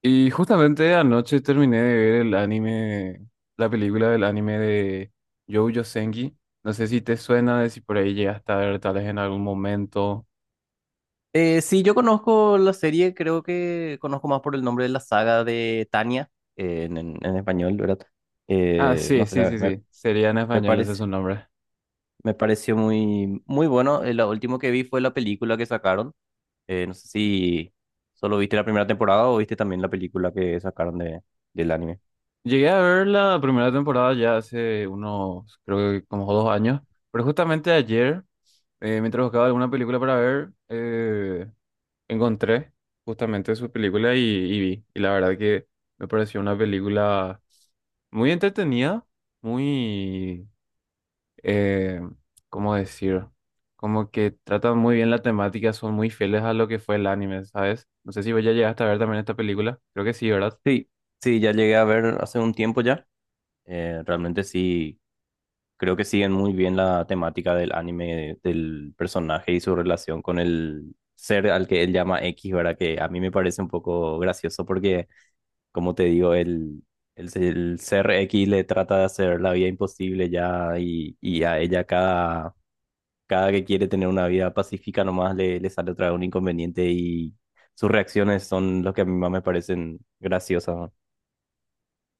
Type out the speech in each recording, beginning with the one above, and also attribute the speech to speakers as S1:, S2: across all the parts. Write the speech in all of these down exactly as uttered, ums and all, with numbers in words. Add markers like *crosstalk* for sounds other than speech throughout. S1: Y justamente anoche terminé de ver el anime, la película del anime de Jojo Senki. No sé si te suena, de si por ahí llegaste a ver tal vez en algún momento.
S2: Eh, sí, yo conozco la serie, creo que conozco más por el nombre de la saga de Tania, eh, en, en- en español, ¿verdad?
S1: Ah,
S2: Eh,
S1: sí,
S2: no sé,
S1: sí, sí,
S2: me,
S1: sí. Sería en
S2: me
S1: español, ese es
S2: parece,
S1: su nombre.
S2: me pareció muy, muy bueno. Eh, lo último que vi fue la película que sacaron. Eh, no sé si solo viste la primera temporada o viste también la película que sacaron de, del anime.
S1: Llegué a ver la primera temporada ya hace unos, creo que como dos años. Pero justamente ayer, eh, mientras buscaba alguna película para ver, eh, encontré justamente su película y, y vi. Y la verdad que me pareció una película muy entretenida, muy, eh, ¿cómo decir? Como que tratan muy bien la temática, son muy fieles a lo que fue el anime, ¿sabes? No sé si vos ya llegaste a ver también esta película. Creo que sí, ¿verdad?
S2: Sí, sí, ya llegué a ver hace un tiempo ya. Eh, realmente sí. Creo que siguen muy bien la temática del anime, del personaje y su relación con el ser al que él llama X, ¿verdad? Que a mí me parece un poco gracioso porque, como te digo, el, el, el ser X le trata de hacer la vida imposible ya y, y a ella cada, cada que quiere tener una vida pacífica nomás le, le sale otra vez un inconveniente y sus reacciones son los que a mí más me parecen graciosas. ¿no?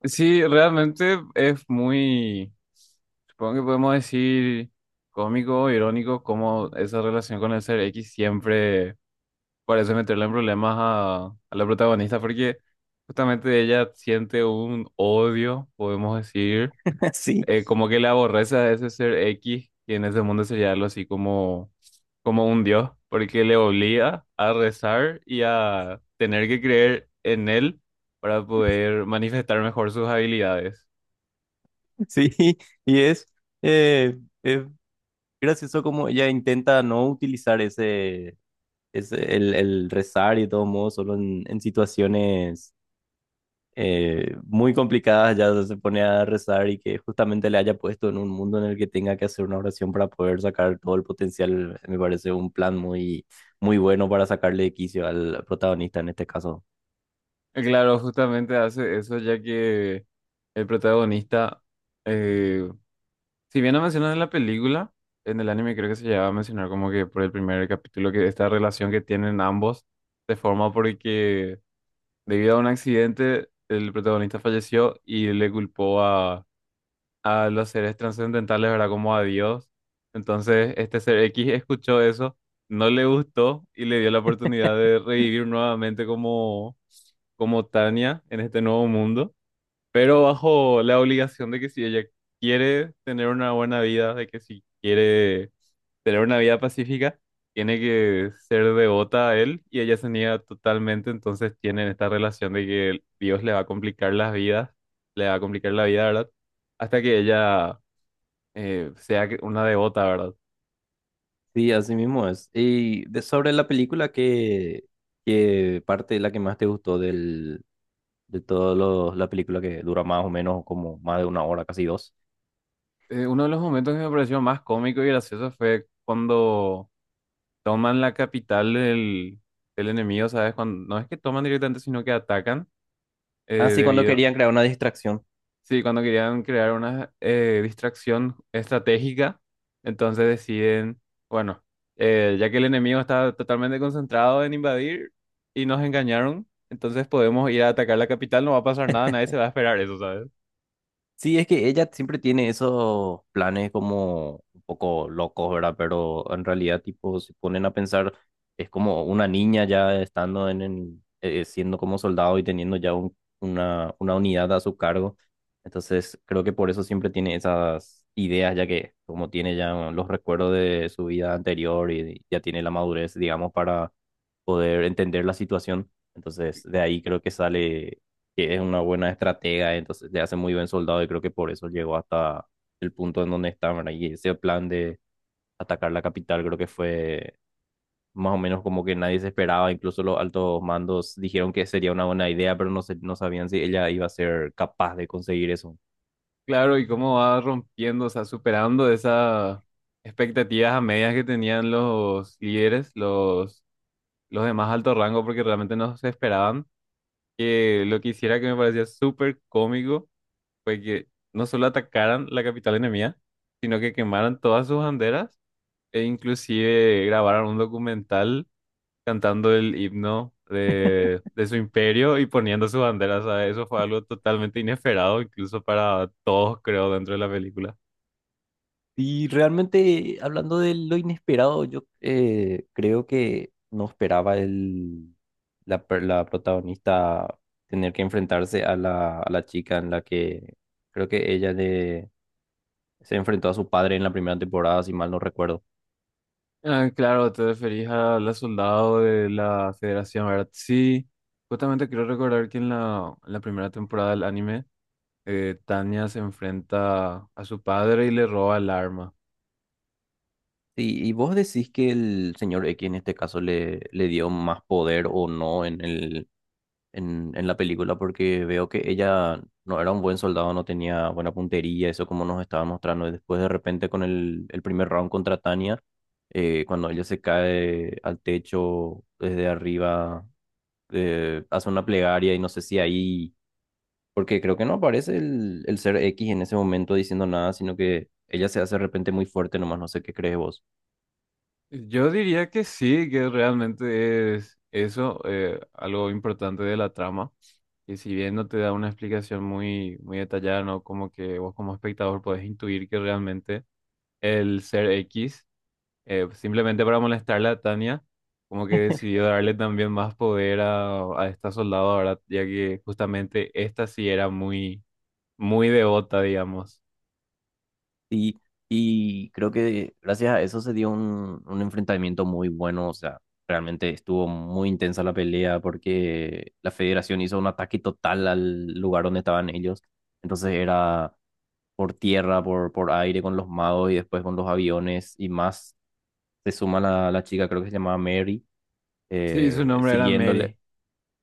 S1: Sí, realmente es muy, supongo que podemos decir cómico, irónico, como esa relación con el ser X siempre por eso meterle en problemas a, a la protagonista, porque justamente ella siente un odio, podemos decir,
S2: *laughs* Sí,
S1: eh, como que le aborrece a ese ser X, que en ese mundo sería algo así como, como un dios, porque le obliga a rezar y a tener que creer en él para poder manifestar mejor sus habilidades.
S2: sí, y es... Eh, es gracioso como ella intenta no utilizar ese, ese el, el rezar y de todos modos, solo en, en situaciones eh, muy complicadas ya se pone a rezar y que justamente le haya puesto en un mundo en el que tenga que hacer una oración para poder sacar todo el potencial, me parece un plan muy, muy bueno para sacarle de quicio al protagonista en este caso.
S1: Y claro, justamente hace eso ya que el protagonista, eh, si bien no mencionan en la película, en el anime creo que se llegaba a mencionar como que por el primer capítulo que esta relación que tienen ambos se forma porque debido a un accidente el protagonista falleció y le culpó a, a los seres trascendentales, ¿verdad? Como a Dios. Entonces este ser X escuchó eso, no le gustó y le dio la oportunidad de revivir nuevamente como, como Tania en este nuevo mundo pero bajo la obligación de que si ella quiere tener una buena vida, de que si quiere tener una vida pacífica, tiene que ser devota a él y ella se niega totalmente, entonces tienen esta relación de que Dios le va a complicar las vidas, le va a complicar la vida, ¿verdad? Hasta que ella eh, sea que- una devota, ¿verdad?
S2: Sí, así mismo es. Y de, sobre la película, ¿qué, qué parte es la que más te gustó del, de toda la película que dura más o menos como más de una hora, casi dos?
S1: Eh, uno de los momentos que me pareció más cómico y gracioso fue cuando toman la capital del, del enemigo, ¿sabes? Cuando, no es que toman directamente, sino que atacan. Eh,
S2: Así cuando
S1: debido.
S2: querían crear una distracción.
S1: Sí, cuando querían crear una eh, distracción estratégica, entonces deciden, bueno, eh, ya que el enemigo está totalmente concentrado en invadir y nos engañaron, entonces podemos ir a atacar la capital, no va a pasar nada, nadie se va a esperar eso, ¿sabes?
S2: Sí, es que ella siempre tiene esos planes como un poco locos, ¿verdad? Pero en realidad, tipo, se ponen a pensar, es como una niña ya estando en, en, eh, siendo como soldado y teniendo ya un- una, una unidad a su cargo. Entonces, creo que por eso siempre tiene esas ideas, ya que como tiene ya los recuerdos de su vida anterior y ya tiene la madurez, digamos, para poder entender la situación. Entonces, de ahí creo que sale que es una buena estratega, entonces le hace muy buen soldado y creo que por eso llegó hasta el punto en donde está, ¿verdad? Y ese plan de atacar la capital creo que fue más o menos como que nadie se esperaba, incluso los altos mandos dijeron que sería una buena idea, pero no, se- no sabían si ella iba a ser capaz de conseguir eso.
S1: Claro, y cómo va rompiendo, o sea, superando esas expectativas a medias que tenían los líderes, los, los de más alto rango, porque realmente no se esperaban. Que lo que hiciera que me parecía súper cómico fue que no solo atacaran la capital enemiga, sino que quemaran todas sus banderas e inclusive grabaron un documental cantando el himno de, de su imperio y poniendo sus banderas, ¿sabes? Eso fue algo totalmente inesperado, incluso para todos, creo, dentro de la película.
S2: Y realmente, hablando de lo inesperado, yo eh, creo que no esperaba el, la, per- la protagonista tener que enfrentarse a la, a la, chica en la que creo que ella le, se enfrentó a su padre en la primera temporada, si mal no recuerdo.
S1: Ah, claro, te referís a la soldado de la Federación, ¿verdad? Sí, justamente quiero recordar que en la, en la primera temporada del anime, eh, Tanya se enfrenta a su padre y le roba el arma.
S2: Y, y vos decís que el señor X en este caso le, le dio más poder o no en el, en, en la película porque veo que ella no era un buen soldado, no tenía buena puntería, eso como nos estaba mostrando. Y después de repente con el, el primer round contra Tania, eh, cuando ella se cae al techo desde arriba, eh, hace una plegaria y no sé si ahí, porque creo que no aparece el, el ser X en ese momento diciendo nada, sino que ella se hace de repente muy fuerte nomás, no sé qué crees vos.
S1: Yo diría que sí, que realmente es eso, eh, algo importante de la trama, que si bien no te da una explicación muy, muy detallada, ¿no? Como que vos como espectador podés intuir que realmente el ser X, eh, simplemente para molestarle a Tania, como que decidió darle también más poder a, a esta soldado ahora, ya que justamente esta sí era muy, muy devota, digamos.
S2: Y, y creo que gracias a eso se dio un, un enfrentamiento muy bueno, o sea, realmente estuvo muy intensa la pelea porque la federación hizo un ataque total al lugar donde estaban ellos, entonces era por tierra, por, por aire con los magos y después con los aviones y más, se suma la, la chica, creo que se llamaba Mary,
S1: Sí, su
S2: eh,
S1: nombre era
S2: siguiéndole
S1: Mary.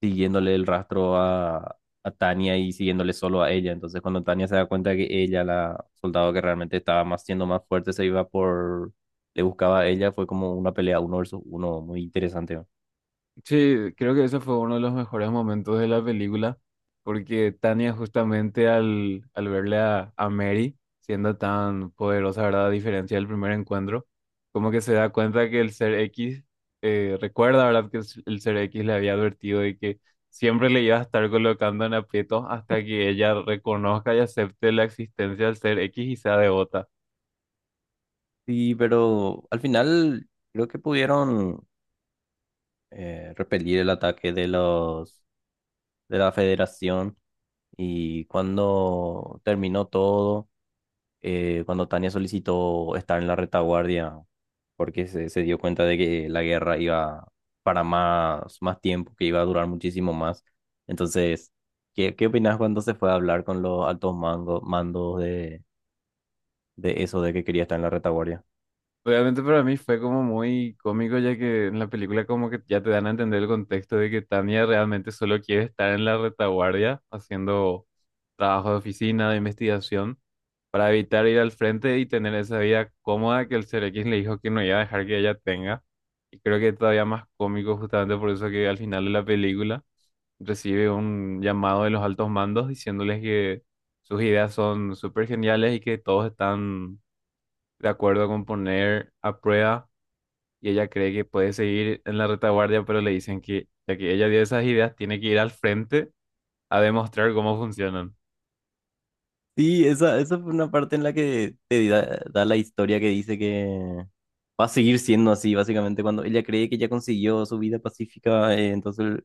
S2: siguiéndole el rastro a, a Tania y siguiéndole solo a ella. Entonces, cuando Tania se da cuenta que ella, la soldado que realmente estaba más siendo más fuerte, se iba por, le buscaba a ella, fue como una pelea uno versus uno, muy interesante. ¿no?
S1: Sí, creo que ese fue uno de los mejores momentos de la película, porque Tania justamente al, al verle a, a Mary siendo tan poderosa, ¿verdad? A diferencia del primer encuentro, como que se da cuenta que el ser X, eh, recuerda, ¿verdad? Que el s- el ser X le había advertido de que siempre le iba a estar colocando en aprietos hasta que ella reconozca y acepte la existencia del ser X y sea devota.
S2: Sí, pero al final creo que pudieron eh, repelir el ataque de los de la Federación y cuando terminó todo. Eh, cuando Tania solicitó estar en la retaguardia porque se, se dio cuenta de que la guerra iba para más, más tiempo, que iba a durar muchísimo más. Entonces, ¿qué, qué opinas cuando se fue a hablar con los altos mangos, mandos de, de eso, de que quería estar en la retaguardia?
S1: Realmente para mí fue como muy cómico ya que en la película como que ya te dan a entender el contexto de que Tania realmente solo quiere estar en la retaguardia haciendo trabajo de oficina, de investigación, para evitar ir al frente y tener esa vida cómoda que el Ser X le dijo que no iba a dejar que ella tenga. Y creo que es todavía más cómico justamente por eso que al final de la película recibe un llamado de los altos mandos diciéndoles que sus ideas son súper geniales y que todos están de acuerdo con poner a prueba y ella cree que puede seguir en la retaguardia, pero le dicen que ya que ella dio esas ideas, tiene que ir al frente a demostrar cómo funcionan.
S2: Sí, esa, esa fue una parte en la que te da, da la historia que dice que va a seguir siendo así, básicamente, cuando ella cree que ya consiguió su vida pacífica, eh, entonces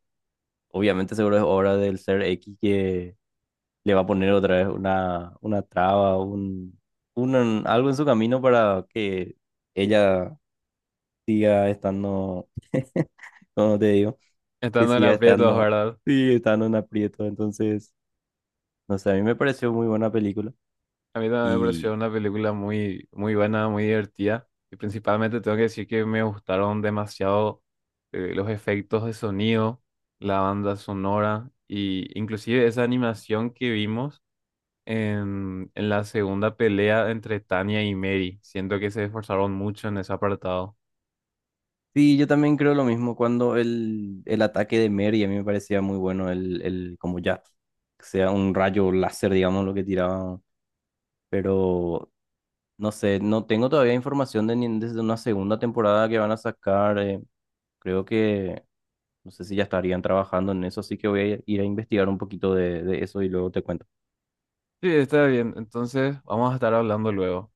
S2: obviamente seguro es obra del ser X que le va a poner otra vez una, una traba, un, un- algo en su camino para que ella siga estando, *laughs* como te digo, que
S1: Estando en
S2: siga
S1: aprietos,
S2: estando,
S1: ¿verdad?
S2: sí, estando en aprieto. Entonces, no sé, a mí me pareció muy buena película.
S1: A mí también me pareció
S2: Y
S1: una película muy, muy buena, muy divertida. Y principalmente tengo que decir que me gustaron demasiado eh, los efectos de sonido, la banda sonora y inclusive esa animación que vimos en, en la segunda pelea entre Tania y Mary. Siento que se esforzaron mucho en ese apartado.
S2: sí, yo también creo lo mismo cuando el, el ataque de Mary, a mí me parecía muy bueno el, el como ya sea un rayo láser, digamos, lo que tiraba. Pero No sé, no tengo todavía información de, ni- desde una segunda temporada que van a sacar. eh, creo que, no sé si ya estarían trabajando en eso, así que voy a ir a investigar un poquito de, de eso y luego te cuento.
S1: Sí, está bien. Entonces, vamos a estar hablando luego.